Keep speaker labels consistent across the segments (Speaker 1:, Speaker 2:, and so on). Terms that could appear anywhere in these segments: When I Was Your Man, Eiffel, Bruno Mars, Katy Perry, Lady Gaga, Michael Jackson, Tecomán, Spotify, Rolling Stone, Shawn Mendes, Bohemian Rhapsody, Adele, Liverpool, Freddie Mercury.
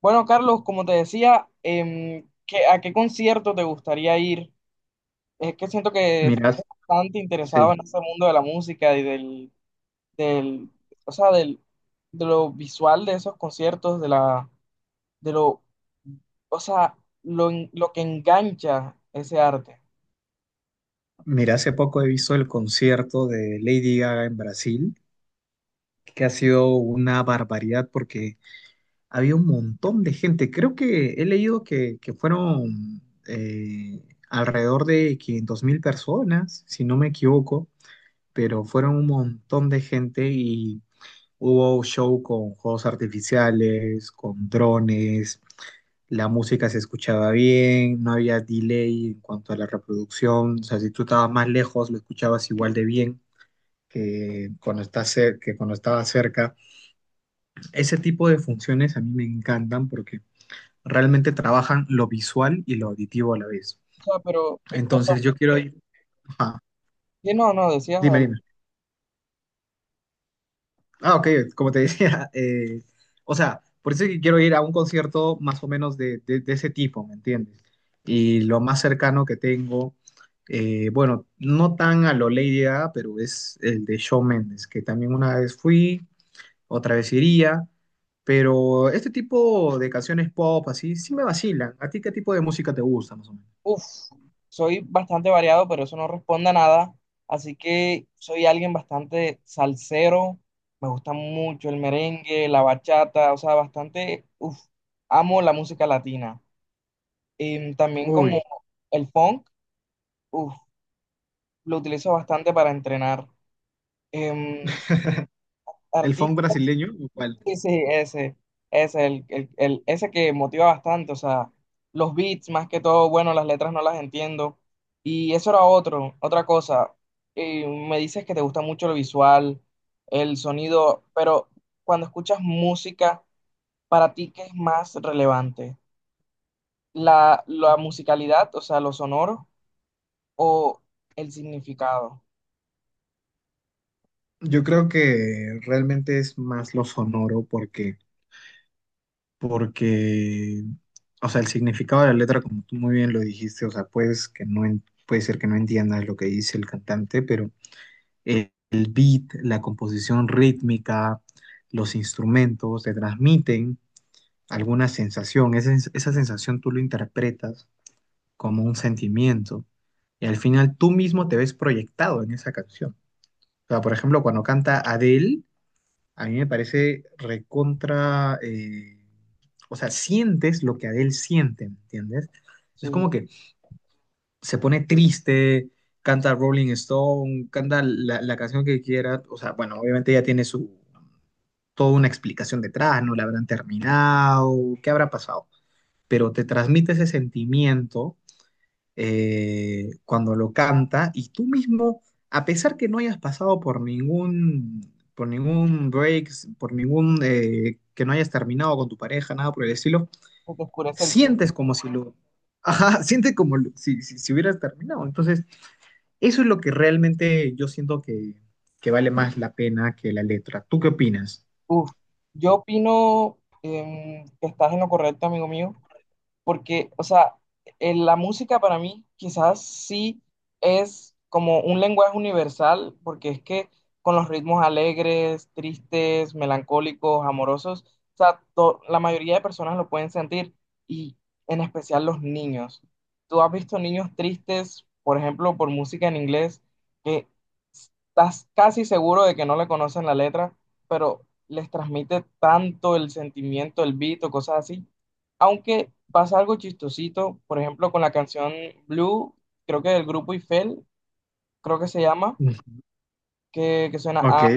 Speaker 1: Bueno, Carlos, como te decía, ¿a qué concierto te gustaría ir? Es que siento que
Speaker 2: Mira,
Speaker 1: estás bastante interesado
Speaker 2: hace,
Speaker 1: en ese mundo de la música y del, del de lo visual de esos conciertos, de la, de lo, o sea, lo, en- lo que engancha ese arte.
Speaker 2: mira, hace poco he visto el concierto de Lady Gaga en Brasil, que ha sido una barbaridad porque había un montón de gente. Creo que he leído que fueron eh, alrededor de 500 mil personas, si no me equivoco, pero fueron un montón de gente y hubo show con juegos artificiales, con drones, la música se escuchaba bien, no había delay en cuanto a la reproducción. O sea, si tú estabas más lejos lo escuchabas igual de bien que cuando estabas cerca. Ese tipo de funciones a mí me encantan porque realmente trabajan lo visual y lo auditivo a la vez.
Speaker 1: O sea, pero en cuanto a...
Speaker 2: Entonces yo quiero ir. Ajá,
Speaker 1: Sí, no, no, decías
Speaker 2: dime, dime.
Speaker 1: adelante.
Speaker 2: Ah, ok, como te decía, o sea, por eso es que quiero ir a un concierto más o menos de ese tipo, ¿me entiendes? Y lo más cercano que tengo, bueno, no tan a lo Lady Gaga, pero es el de Shawn Mendes, que también una vez fui, otra vez iría, pero este tipo de canciones pop así, sí me vacilan. ¿A ti qué tipo de música te gusta, más o menos?
Speaker 1: Uf, soy bastante variado, pero eso no responde a nada. Así que soy alguien bastante salsero. Me gusta mucho el merengue, la bachata, o sea, bastante, uf, amo la música latina. También como
Speaker 2: Uy,
Speaker 1: el funk, uf, lo utilizo bastante para entrenar. Em,
Speaker 2: el funk
Speaker 1: Artistas
Speaker 2: brasileño, ¿o cuál?
Speaker 1: sí, sí, ese, el- ese que motiva bastante, o sea, los beats más que todo, bueno, las letras no las entiendo. Y eso era otra cosa. Me dices que te gusta mucho lo visual, el sonido, pero cuando escuchas música, ¿para ti qué es más relevante? ¿La musicalidad, o sea, lo sonoro, o el significado?
Speaker 2: Yo creo que realmente es más lo sonoro porque, o sea, el significado de la letra, como tú muy bien lo dijiste, o sea, puede ser que no entiendas lo que dice el cantante, pero el beat, la composición rítmica, los instrumentos te transmiten alguna sensación. Esa sensación tú lo interpretas como un sentimiento y al final tú mismo te ves proyectado en esa canción. O sea, por ejemplo, cuando canta Adele, a mí me parece recontra, o sea, sientes lo que Adele siente, ¿me entiendes? Es como
Speaker 1: Sí,
Speaker 2: que se pone triste, canta Rolling Stone, canta la canción que quiera. O sea, bueno, obviamente ella tiene su, toda una explicación detrás, no la habrán terminado, qué habrá pasado, pero te transmite ese sentimiento cuando lo canta, y tú mismo, a pesar que no hayas pasado por ningún break, por ningún, que no hayas terminado con tu pareja, nada por el estilo,
Speaker 1: que te oscurece el cielo.
Speaker 2: sientes como si lo, ajá, sientes como lo- si, si, si hubieras terminado. Entonces, eso es lo que realmente yo siento que vale más la pena que la letra. ¿Tú qué opinas?
Speaker 1: Uf, yo opino, que estás en lo correcto, amigo mío, porque, o sea, en la música para mí quizás sí es como un lenguaje universal, porque es que con los ritmos alegres, tristes, melancólicos, amorosos, o sea, la mayoría de personas lo pueden sentir, y en especial los niños. ¿Tú has visto niños tristes, por ejemplo, por música en inglés, que estás casi seguro de que no le conocen la letra, pero les transmite tanto el sentimiento, el beat o cosas así? Aunque pasa algo chistosito, por ejemplo, con la canción Blue, creo que del grupo Eiffel, creo que se llama, que suena
Speaker 2: Ok,
Speaker 1: a...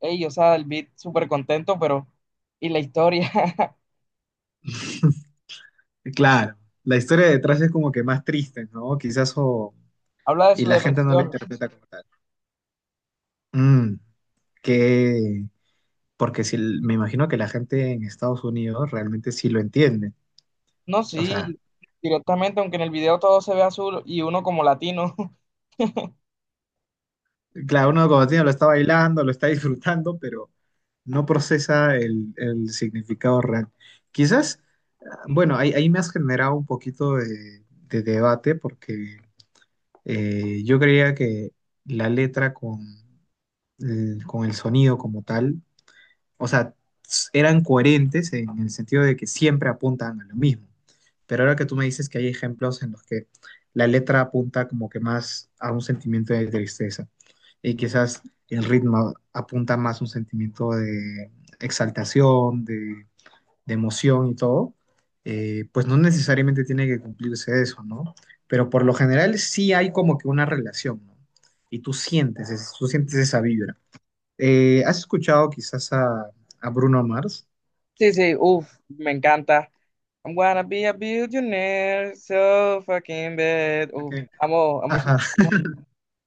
Speaker 1: Ey, o sea, el beat súper contento, pero... Y la historia
Speaker 2: claro. La historia detrás es como que más triste, ¿no? Quizás o...
Speaker 1: habla de
Speaker 2: y
Speaker 1: su
Speaker 2: la gente no lo
Speaker 1: depresión.
Speaker 2: interpreta como tal. Mm. que, porque si, me imagino que la gente en Estados Unidos realmente sí lo entiende.
Speaker 1: No,
Speaker 2: O sea,
Speaker 1: sí, directamente, aunque en el video todo se ve azul y uno como latino.
Speaker 2: claro, uno como tiene lo está bailando, lo está disfrutando, pero no procesa el significado real.
Speaker 1: Sí,
Speaker 2: Quizás, ah, bueno, ahí me has generado un poquito de debate porque yo creía que la letra con el sonido como tal, o sea, eran coherentes en el sentido de que siempre apuntan a lo mismo. Pero ahora que tú me dices que hay ejemplos en los que la letra apunta como que más a un sentimiento de tristeza, y quizás el ritmo apunta más a un sentimiento de exaltación, de emoción y todo, pues no necesariamente tiene que cumplirse eso, ¿no? Pero por lo general sí hay como que una relación, ¿no? Y tú sientes, tú sientes esa vibra. ¿Has escuchado quizás a Bruno Mars?
Speaker 1: sí, sí, uff, me encanta. I'm gonna be a billionaire, so fucking bad. Uf,
Speaker 2: Porque-
Speaker 1: amo
Speaker 2: Ajá,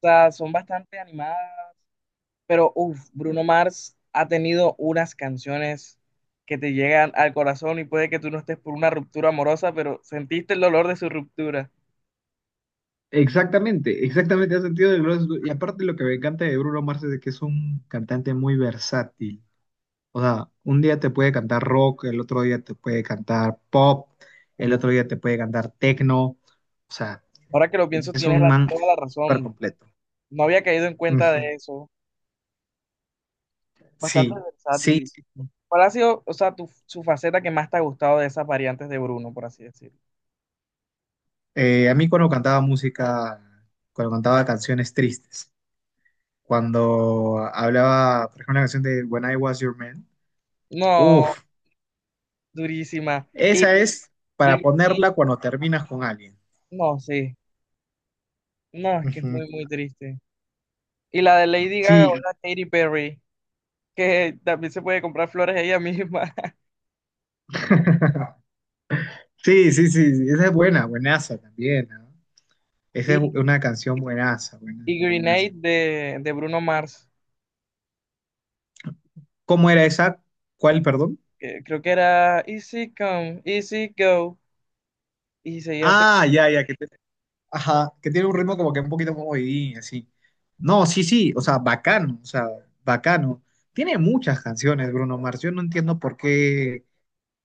Speaker 1: son bastante animadas. Pero, uff, Bruno Mars ha tenido unas canciones que te llegan al corazón y puede que tú no estés por una ruptura amorosa, pero sentiste el dolor de su ruptura.
Speaker 2: exactamente, exactamente, ha sentido del globo. Y aparte lo que me encanta de Bruno Mars es de que es un cantante muy versátil. O sea, un día te puede cantar rock, el otro día te puede cantar pop,
Speaker 1: Uf,
Speaker 2: el otro día te puede cantar techno. O sea,
Speaker 1: ahora que lo pienso,
Speaker 2: es
Speaker 1: tienes
Speaker 2: un man
Speaker 1: toda la
Speaker 2: súper
Speaker 1: razón.
Speaker 2: completo.
Speaker 1: No había caído en cuenta de
Speaker 2: Ujú.
Speaker 1: eso. Bastante
Speaker 2: Sí, sí,
Speaker 1: versátil.
Speaker 2: sí.
Speaker 1: ¿Cuál ha sido, o sea, tu, su faceta que más te ha gustado de esas variantes de Bruno, por así decirlo?
Speaker 2: A mí cuando cantaba música, cuando cantaba canciones tristes, cuando hablaba, por ejemplo, la canción de When I Was Your Man.
Speaker 1: No,
Speaker 2: Uf,
Speaker 1: durísima.
Speaker 2: esa es para
Speaker 1: Y-
Speaker 2: ponerla cuando terminas con alguien.
Speaker 1: no, sí. No, es que es
Speaker 2: Ujú.
Speaker 1: muy, muy triste. Y la de Lady Gaga o
Speaker 2: Sí,
Speaker 1: la Katy Perry, que también se puede comprar flores ella misma.
Speaker 2: sí, sí, sí, sí, esa es buena, buenaza también, ¿no? Esa es
Speaker 1: Y,
Speaker 2: una canción buenaza,
Speaker 1: y
Speaker 2: buenaza,
Speaker 1: Grenade
Speaker 2: buenaza.
Speaker 1: de Bruno Mars,
Speaker 2: ¿Cómo era esa? ¿Cuál, perdón?
Speaker 1: que creo que era Easy Come, Easy Go. Y seguía así.
Speaker 2: Ah, ya, ya, ajá, que tiene un ritmo como que un poquito como movidín, así. No, sí, sí, o sea, bacano, o sea, bacano. Tiene muchas canciones, Bruno Mars. Yo no entiendo por qué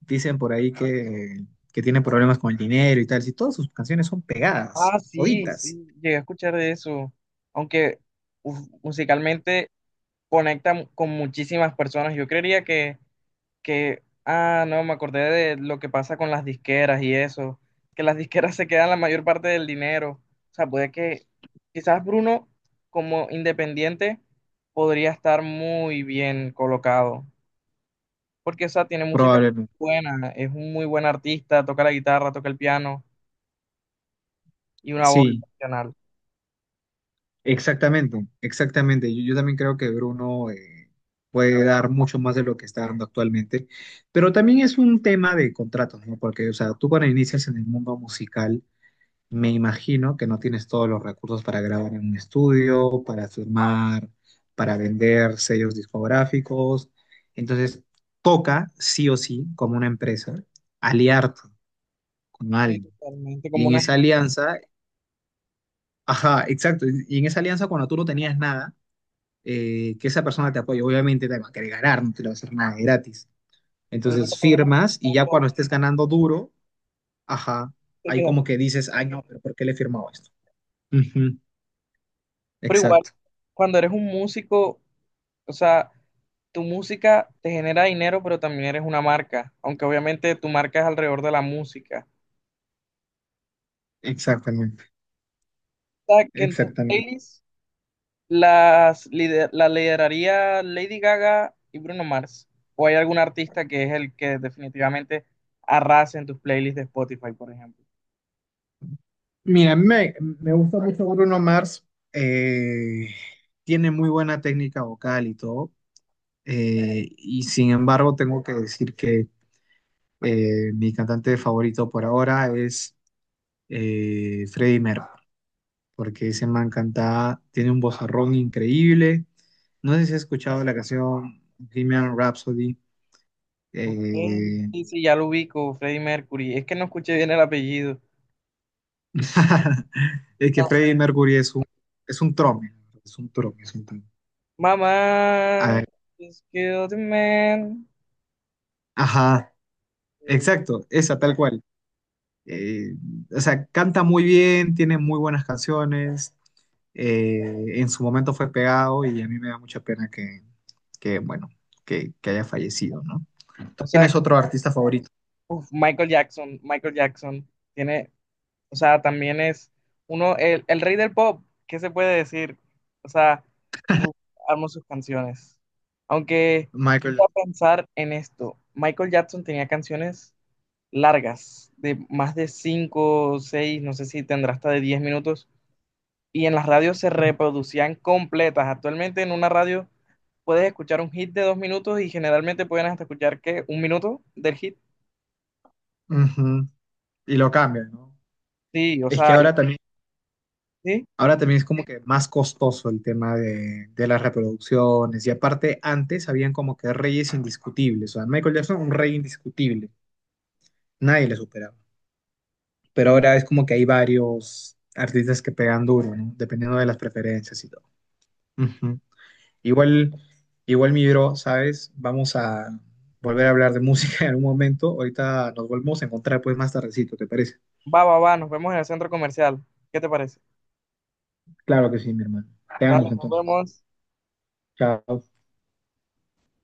Speaker 2: dicen por ahí que tiene problemas con el dinero y tal. Si todas sus canciones son pegadas,
Speaker 1: Ah, sí, sí,
Speaker 2: toditas.
Speaker 1: llegué a escuchar de eso. Aunque uf, musicalmente conecta con muchísimas personas. Yo creería que, ah, no, me acordé de lo que pasa con las disqueras y eso, que las disqueras se quedan la mayor parte del dinero. O sea, puede que quizás Bruno como independiente podría estar muy bien colocado, porque, o sea, tiene música
Speaker 2: Probablemente.
Speaker 1: buena, es un muy buen artista, toca la guitarra, toca el piano y una voz
Speaker 2: Sí,
Speaker 1: excepcional.
Speaker 2: exactamente, exactamente. Yo también creo que Bruno puede dar mucho más de lo que está dando actualmente, pero también es un tema de contratos, ¿no? Porque, o sea, tú cuando inicias en el mundo musical, me imagino que no tienes todos los recursos para grabar en un estudio, para firmar, para vender sellos discográficos. Entonces, toca sí o sí, como una empresa, aliarte con
Speaker 1: Sí,
Speaker 2: alguien.
Speaker 1: totalmente,
Speaker 2: Y
Speaker 1: como
Speaker 2: en
Speaker 1: una...
Speaker 2: esa alianza, ajá, exacto. Y en esa alianza, cuando tú no tenías nada, que esa persona te apoye, obviamente te va a querer ganar, no te lo va a hacer nada gratis.
Speaker 1: El
Speaker 2: Entonces,
Speaker 1: único problema es
Speaker 2: firmas y
Speaker 1: que
Speaker 2: ya cuando
Speaker 1: todo
Speaker 2: estés ganando duro, ajá,
Speaker 1: se
Speaker 2: ahí
Speaker 1: quedan...
Speaker 2: como que dices, ay, no, pero ¿por qué le he firmado esto? Ujú,
Speaker 1: Pero igual,
Speaker 2: exacto.
Speaker 1: cuando eres un músico, o sea, tu música te genera dinero, pero también eres una marca, aunque obviamente tu marca es alrededor de la música.
Speaker 2: Exactamente,
Speaker 1: O sea, que en tus
Speaker 2: exactamente.
Speaker 1: playlists la lideraría Lady Gaga y Bruno Mars. ¿O hay algún artista que es el que definitivamente arrasa en tus playlists de Spotify, por ejemplo?
Speaker 2: Mira, a mí me gusta mucho Bruno Mars, eh, tiene muy buena técnica vocal y todo, y sin embargo tengo que decir que mi cantante favorito por ahora es Freddie Mercury, porque ese man canta, tiene un vozarrón increíble. No sé si has escuchado la canción Bohemian Rhapsody.
Speaker 1: Ok,
Speaker 2: eh,
Speaker 1: sí, sí, ya lo ubico, Freddie Mercury. Es que no escuché bien el apellido.
Speaker 2: es que Freddie
Speaker 1: Entonces,
Speaker 2: Mercury es un trome, es un trome, es un trome.
Speaker 1: mamá, just killed a man.
Speaker 2: Ajá,
Speaker 1: O
Speaker 2: exacto, esa tal cual. Eh, o sea, canta muy bien, tiene muy buenas canciones. En su momento fue pegado, y a mí me da mucha pena bueno, que haya fallecido, ¿no? ¿Tú
Speaker 1: sea,
Speaker 2: tienes otro artista favorito?
Speaker 1: uf, Michael Jackson tiene, o sea, también es uno, el rey del pop, ¿qué se puede decir? O sea, uf, amo sus canciones. Aunque,
Speaker 2: Michael.
Speaker 1: voy a pensar en esto, Michael Jackson tenía canciones largas, de más de 5, 6, no sé si tendrá hasta de 10 minutos, y en las radios se reproducían completas. Actualmente en una radio puedes escuchar un hit de 2 minutos y generalmente pueden hasta escuchar que 1 minuto del hit.
Speaker 2: Ujú, y lo cambian, ¿no?
Speaker 1: Sí, o
Speaker 2: Es que
Speaker 1: sea,
Speaker 2: ahora también,
Speaker 1: sí.
Speaker 2: ahora también es como que más costoso el tema de las reproducciones. Y aparte, antes habían como que reyes indiscutibles. O sea, Michael Jackson, un rey indiscutible. Nadie le superaba. Pero ahora es como que hay varios artistas que pegan duro, ¿no? Dependiendo de las preferencias y todo. Ujú. Igual, igual mi bro, ¿sabes? Vamos a volver a hablar de música en algún momento. Ahorita nos volvemos a encontrar pues más tardecito, ¿te parece?
Speaker 1: Va, va, va, nos vemos en el centro comercial. ¿Qué te parece?
Speaker 2: Claro que sí, mi hermano. Te amo
Speaker 1: Dale, nos
Speaker 2: entonces.
Speaker 1: vemos.
Speaker 2: Chao.